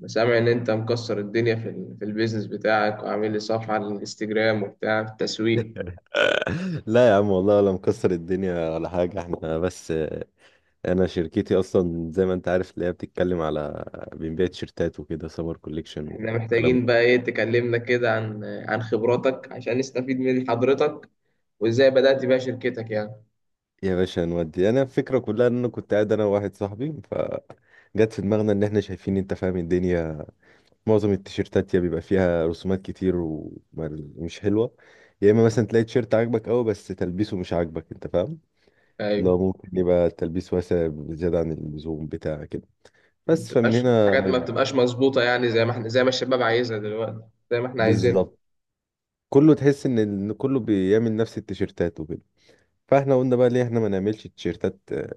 أنا سامع ان انت مكسر الدنيا في في البيزنس بتاعك وعامل لي صفحة على الانستجرام وبتاع في التسويق. لا يا عم، والله ولا مكسر الدنيا ولا حاجة، احنا بس انا شركتي اصلا زي ما انت عارف اللي هي بتتكلم على بنبيع تيشيرتات وكده، سمر كوليكشن احنا والكلام محتاجين ده. بقى ايه، تكلمنا كده عن خبراتك عشان نستفيد من حضرتك وازاي بدأت بيها شركتك يعني. يا باشا نودي، انا الفكرة كلها ان انا كنت قاعد انا وواحد صاحبي، فجت في دماغنا ان احنا شايفين، انت فاهم الدنيا. معظم التيشيرتات يا بيبقى فيها رسومات كتير ومش حلوة، يا اما مثلا تلاقي تيشيرت عاجبك قوي بس تلبيسه مش عاجبك، انت فاهم. ايوه. لا ممكن يبقى التلبيس واسع زيادة عن اللزوم بتاع كده. ما بس فمن بتبقاش هنا. حاجات، ما بتبقاش مظبوطة يعني، زي ما الشباب عايزها دلوقتي، زي ما احنا عايزين. بالظبط. كله تحس إن كله بيعمل نفس التيشيرتات وكده. فاحنا قلنا بقى ليه احنا ما نعملش تيشيرتات،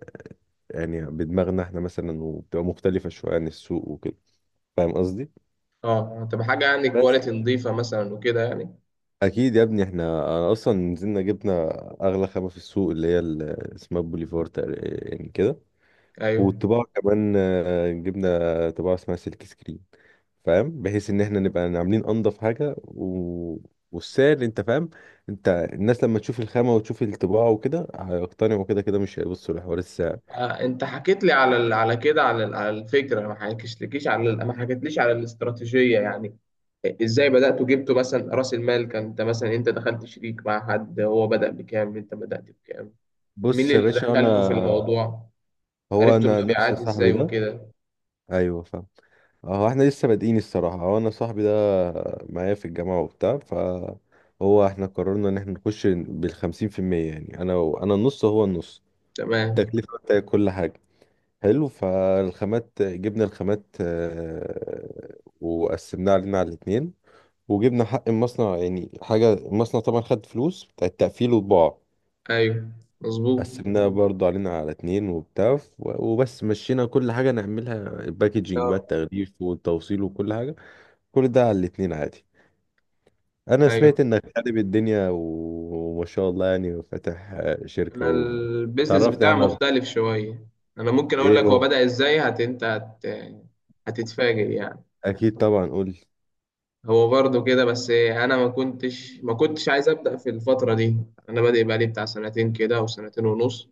يعني بدماغنا احنا مثلا، وبتبقى مختلفة شوية عن السوق وكده. فاهم قصدي. اه، تبقى حاجة يعني بس. كواليتي نظيفة مثلا وكده يعني. اكيد يا ابني، احنا أنا اصلا نزلنا جبنا اغلى خامة في السوق، اللي هي اسمها بوليفور تقريبا يعني كده. ايوه. والطباعة كمان، جبنا طباعة اسمها سلك سكرين، فاهم. بحيث ان احنا نبقى عاملين انضف حاجه والسعر انت فاهم. انت الناس لما تشوف الخامه وتشوف الطباعه وكده، هيقتنعوا كده كده، مش هيبصوا لحوار السعر. انت حكيت لي على كده، على الفكره، ما حكيتش لكيش على ال- ما حكيتليش على الاستراتيجيه يعني. ازاي بداتوا، جبتوا مثلا راس المال كان، انت مثلا انت دخلت شريك مع حد، هو بدا بكام، انت بدات بكام، مين بص يا اللي باشا دخلكوا في انا. الموضوع، هو عرفتوا انا نفس المبيعات صاحبي ازاي ده. وكده؟ ايوه فاهم. هو احنا لسه بادئين الصراحه، هو انا صاحبي ده معايا في الجامعه وبتاع. هو احنا قررنا ان احنا نخش بالخمسين في المية، يعني انا النص هو النص. تمام. التكلفه بتاعت كل حاجه، حلو. فالخامات جبنا الخامات، وقسمناها علينا على الاتنين. وجبنا حق المصنع، يعني حاجة المصنع طبعا خد فلوس بتاع التقفيل والطباعة، ايوه. مظبوط. قسمناها برضه علينا على اتنين وبتاع. وبس مشينا كل حاجة نعملها، الباكجينج بقى آه، التغليف والتوصيل وكل حاجة، كل ده على الاتنين عادي. أنا ايوه. سمعت إنك خارب الدنيا وما شاء الله، يعني فاتح شركة. انا البيزنس وتعرفني بتاعي عنها أكتر. مختلف شويه. انا ممكن اقول لك إيه هو هو؟ بدا ازاي. هتتفاجئ يعني. أكيد طبعا قول لي. هو برضه كده، بس انا ما كنتش عايز ابدا في الفتره دي. انا بادئ بقالي بتاع سنتين كده او سنتين ونص،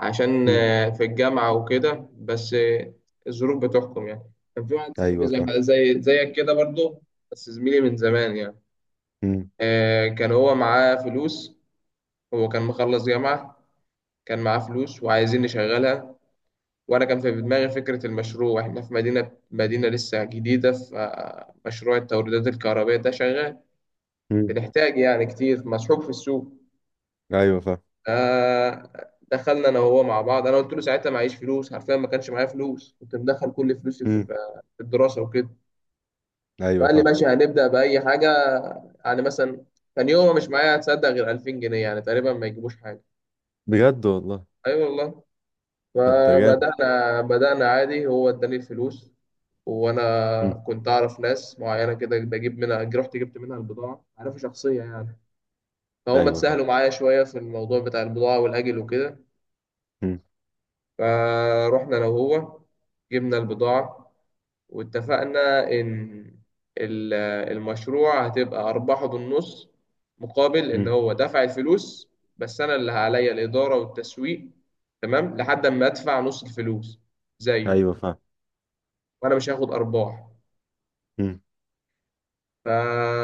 عشان مم. في الجامعه وكده، بس الظروف بتحكم يعني. كان في واحد صاحبي أيوه فاهم. زيك كده برضه، بس زميلي من زمان يعني. كان هو معاه فلوس، هو كان مخلص جامعه، كان معاه فلوس وعايزين نشغلها. وانا كان في دماغي فكره المشروع. احنا في مدينه لسه جديده، فمشروع التوريدات الكهربائيه ده شغال، مم. بنحتاج يعني كتير، مسحوق في السوق. ايوه فاهم. آه دخلنا انا وهو مع بعض. انا قلت له ساعتها معيش فلوس، حرفيا ما كانش معايا فلوس، كنت مدخل كل فلوسي في مم. الدراسه وكده. ايوه فقال لي فاهم. ماشي هنبدا باي حاجه. يعني مثلا كان يومها مش معايا، هتصدق، غير 2000 جنيه يعني، تقريبا ما يجيبوش حاجه. بجد والله. اي، أيوة والله. طب ده جامد. بدانا عادي، هو اداني الفلوس. مم. وانا كنت اعرف ناس معينه كده بجيب منها، رحت جبت منها البضاعه، عارفه شخصيه يعني، فهم ايوه فاهم. اتسهلوا معايا شويه في الموضوع بتاع البضاعه والاجل وكده. مم. فروحنا انا وهو جبنا البضاعة، واتفقنا ان ال- المشروع هتبقى ارباحه بالنص، مقابل ان مم. هو دفع الفلوس، بس انا اللي عليا الادارة والتسويق. تمام، لحد ما ادفع نص الفلوس زيه ايوه فاهم. وانا مش هاخد ارباح. مم.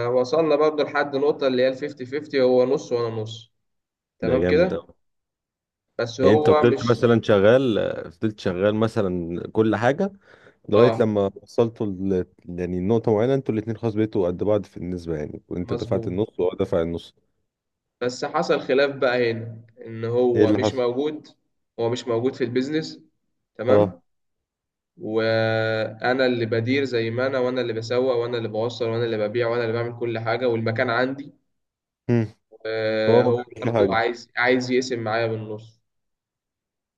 فوصلنا برضه لحد نقطة اللي هي ال 50-50، هو نص وانا نص. ده تمام جامد كده. أوي. بس يعني انت هو مش... فضلت شغال مثلا كل حاجه لغايه اه، لما وصلتوا يعني نقطه معينه انتوا الاتنين خلاص بقيتوا قد بعض في النسبه، يعني وانت دفعت مظبوط. النص وهو دفع النص. بس حصل خلاف بقى هنا، ان ايه هو اللي مش حصل؟ موجود، هو مش موجود في البيزنس. اه. تمام. وانا اللي بدير زي ما انا، وانا اللي بسوق، وانا اللي بوصل، وانا اللي ببيع، وانا اللي بعمل كل حاجه، والمكان عندي. مم. هو ما هو بيعملش برضو حاجه، عايز يقسم معايا بالنص.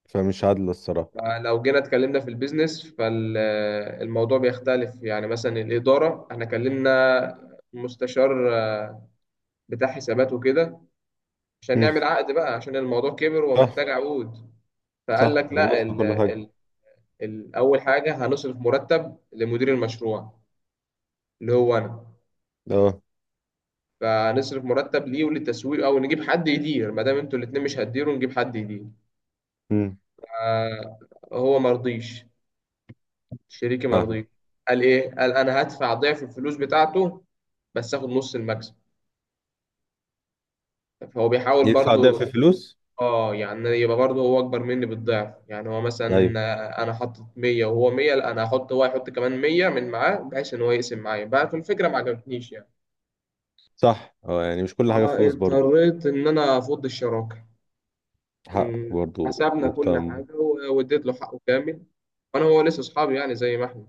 فمش عادله الصراحه. فلو جينا اتكلمنا في البيزنس فالموضوع بيختلف، يعني مثلا الاداره. احنا كلمنا مستشار بتاع حسابات وكده عشان مم. نعمل عقد بقى، عشان الموضوع كبر صح. ومحتاج عقود. فقال صح لك لا، خلصت كل حاجه. اول حاجه هنصرف مرتب لمدير المشروع، اللي هو انا. اه. فنصرف مرتب ليه وللتسويق، او نجيب حد يدير. ما دام انتوا الاتنين مش هتديروا نجيب حد يدير. مم. آه، هو مرضيش، شريكي فاهم. مرضيش. قال ايه؟ قال انا هدفع ضعف الفلوس بتاعته بس اخد نص المكسب. فهو بيحاول يدفع ده في برضو. فلوس؟ اه، يعني يبقى برضو هو اكبر مني بالضعف. يعني هو ايوه مثلا، انا حطيت 100 وهو 100، لا انا هحط هو يحط كمان 100 من معاه، بحيث ان هو يقسم معايا بقى. في الفكره ما عجبتنيش يعني. صح. اه يعني مش كل حاجة فلوس برضو. فاضطريت إن أنا أفض الشراكة. حقك مم. برضو حسبنا كل مهتم. حاجة، واديت له حقه كامل، وأنا هو لسه أصحابي يعني زي ما إحنا.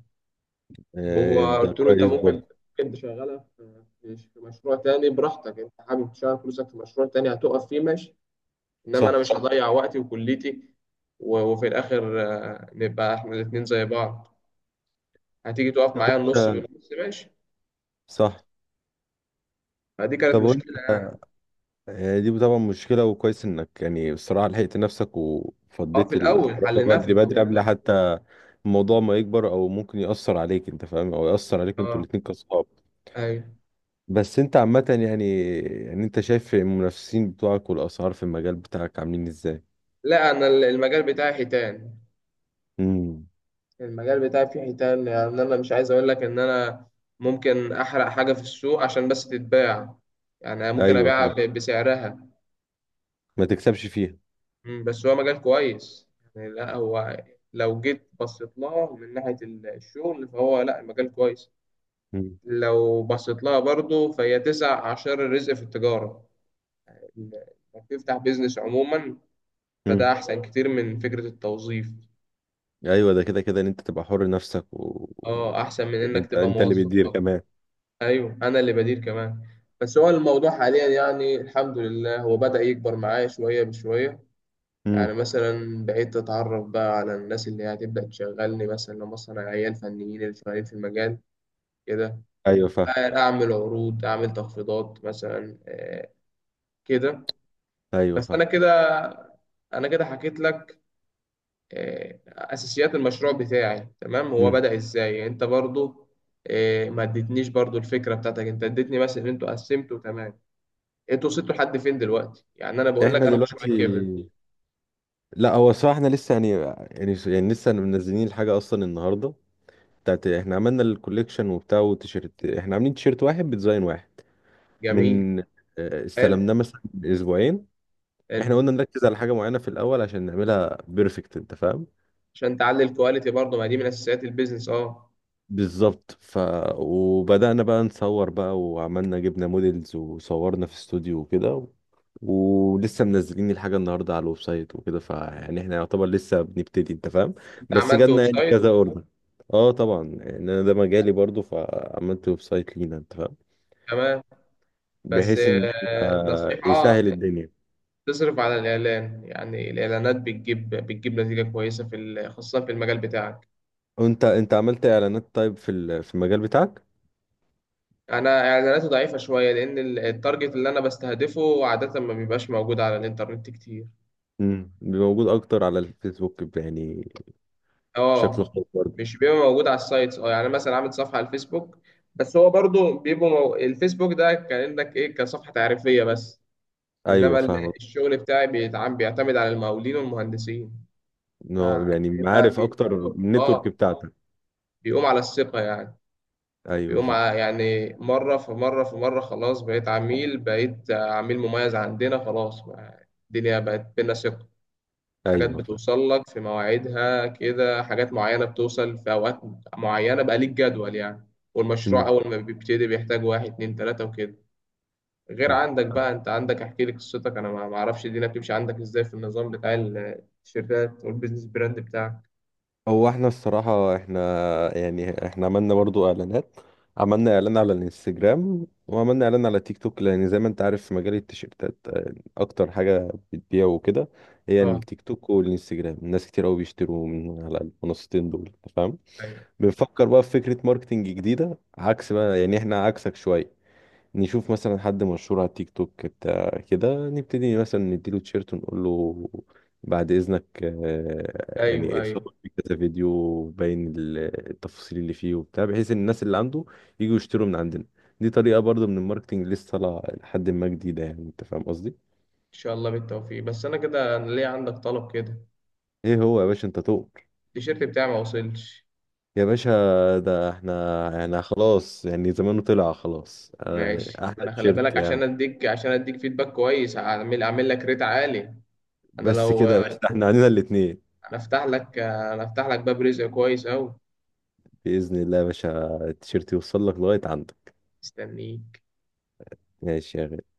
هو ده قلت له أنت كويس ممكن، برضو. تشغلها في مشروع تاني براحتك. أنت حابب تشغل فلوسك في مشروع تاني هتقف فيه، ماشي، إنما أنا صح. مش هضيع وقتي وكليتي. وفي الآخر نبقى إحنا الاتنين زي بعض، هتيجي تقف طب معايا النص انت. بالنص، ماشي. صح. فدي كانت طب وانت، مشكلة يعني. دي طبعا مشكلة، وكويس انك يعني بصراحة لحقت نفسك اه، في وفضيت الأول الشراكة حليناها، في بدري بدري الأول قبل طبعا. حتى الموضوع ما يكبر، او ممكن يأثر عليك انت فاهم، او يأثر عليكم انتوا اه. الاتنين كصحاب. أيوه. بس انت عامة يعني، انت شايف المنافسين بتوعك والاسعار في المجال بتاعك عاملين ازاي؟ لا، أنا المجال بتاعي حيتان، امم. المجال بتاعي فيه حيتان. يعني انا مش عايز اقول لك ان انا ممكن احرق حاجه في السوق عشان بس تتباع. يعني ممكن ايوه ابيعها فاهم. بسعرها. ما تكسبش فيها. بس هو مجال كويس، يعني لا، هو لو جيت بصيت لها من ناحيه الشغل فهو لا، المجال كويس. لو بصيت لها برضه فهي تسع اعشار الرزق في التجاره، انك تفتح بيزنس عموما. امم. فده احسن كتير من فكره التوظيف. ايوه ده كده كده ان انت تبقى حر نفسك اه، احسن من يعني انك انت تبقى انت اللي موظف. بيدير كمان. ايوه، انا اللي بدير كمان. بس هو الموضوع حاليا يعني الحمد لله، هو بدأ يكبر معايا شويه بشويه. يعني امم. مثلا بقيت اتعرف بقى على الناس اللي هي هتبدأ تشغلني، مثلا لما مثلا عيال فنيين اللي شغالين في المجال كده. ايوه فاهم. اعمل عروض، اعمل تخفيضات مثلا، كده. ايوه بس فاهم. انا كده، انا كده حكيت لك اساسيات المشروع بتاعي. تمام. هو امم. بدأ ازاي؟ يعني انت برضو ما اديتنيش برضو الفكره بتاعتك. انت اديتني بس ان انتوا قسمتوا. تمام. انتوا وصلتوا لحد فين دلوقتي؟ يعني انا بقول لك احنا انا مشروعي كبر. دلوقتي، لا هو الصراحه احنا لسه يعني لسه منزلين الحاجه اصلا النهارده. بتاعت، احنا عملنا الكوليكشن وبتاع وتيشيرت، احنا عاملين تيشيرت واحد بديزاين واحد جميل. من آه، حلو، استلمناه مثلا من اسبوعين. احنا حلو. قلنا نركز على حاجه معينه في الاول عشان نعملها بيرفكت، انت فاهم. عشان تعلي الكواليتي برضه، ما دي من اساسيات البيزنس. اه. بالظبط. وبدأنا بقى نصور بقى، وعملنا جبنا موديلز وصورنا في استوديو وكده ولسه منزلين الحاجة النهاردة على الويب سايت وكده، فيعني احنا يعتبر لسه بنبتدي انت فاهم. انت بس عملت ويب جالنا يعني سايت. كذا اوردر. اه طبعا يعني انا ده مجالي برضو، فعملت ويب سايت لينا انت فاهم، تمام. بس بحيث ان احنا نصيحة، يسهل الدنيا. تصرف على الاعلان. يعني الاعلانات بتجيب نتيجة كويسة، خاصة في المجال بتاعك. وانت عملت اعلانات طيب في في المجال بتاعك؟ انا اعلاناتي ضعيفة شوية، لان التارجت اللي انا بستهدفه عادة ما بيبقاش موجود على الانترنت كتير. امم. موجود اكتر على الفيسبوك يعني، بشكل اه، خاص برضه. مش بيبقى موجود على السايتس. اه، يعني أنا مثلا عامل صفحه على الفيسبوك، بس هو برضو بيبقى الفيسبوك ده كانك ايه، كصفحه تعريفيه بس. ايوه انما فاهمك. الشغل بتاعي بيعتمد على المقاولين والمهندسين. إنه يعني فبيبقى عارف بي... اكتر النتورك اه، بتاعتك. بيقوم على الثقه يعني. ايوه بيقوم فاهم. على يعني، مره في مره في مره، خلاص بقيت عميل مميز عندنا خلاص. يعني الدنيا بقت بينا ثقه، حاجات ايوه فاهم. بتوصل لك في مواعيدها كده، حاجات معينة بتوصل في أوقات معينة، بقى ليك جدول يعني. والمشروع مم. أول ما بيبتدي بيحتاج واحد اتنين تلاتة وكده. غير مم. عندك بقى. أنت عندك أحكي لي قصتك، أنا ما أعرفش الدنيا بتمشي عندك إزاي في النظام بتاع التيشيرتات والبيزنس براند بتاعك. هو احنا الصراحة. يعني احنا عملنا برضو اعلانات، عملنا اعلان على الانستجرام وعملنا اعلان على تيك توك، لان زي ما انت عارف في مجال التيشيرتات اكتر حاجة بتبيع وكده هي أه. التيك توك والانستجرام، الناس كتير قوي بيشتروا من على المنصتين دول أنت فاهم. أيوه، بنفكر بقى في فكرة ماركتنج جديدة عكس بقى، يعني احنا عكسك شوية. نشوف مثلا حد مشهور على تيك توك بتاع كده، نبتدي مثلا نديله تيشيرت ونقول له بعد إذنك، أيوه، يعني أيوه. صور في كذا فيديو باين التفاصيل اللي فيه وبتاع، بحيث إن الناس اللي عنده يجوا يشتروا من عندنا. دي طريقة برضه من الماركتينج لسه طالعة لحد ما، جديدة يعني. أنت فاهم قصدي؟ إن شاء الله بالتوفيق. بس أنا كده، أنا ليه عندك طلب كده. إيه هو يا باشا أنت تؤمر. التيشيرت بتاعي ما وصلش. يا باشا ده احنا، يعني خلاص يعني زمانه طلع خلاص، ماشي، أحلى أنا خلي تيشيرت بالك، يعني. عشان أديك فيدباك كويس، أعمل لك ريت عالي. انا بس لو كده يا باشا ده احنا علينا الاتنين. انا افتح لك باب رزق كويس اوي. بإذن الله يا باشا التيشيرت يوصل لك لغاية عندك. مستنيه. ماشي يا غالي.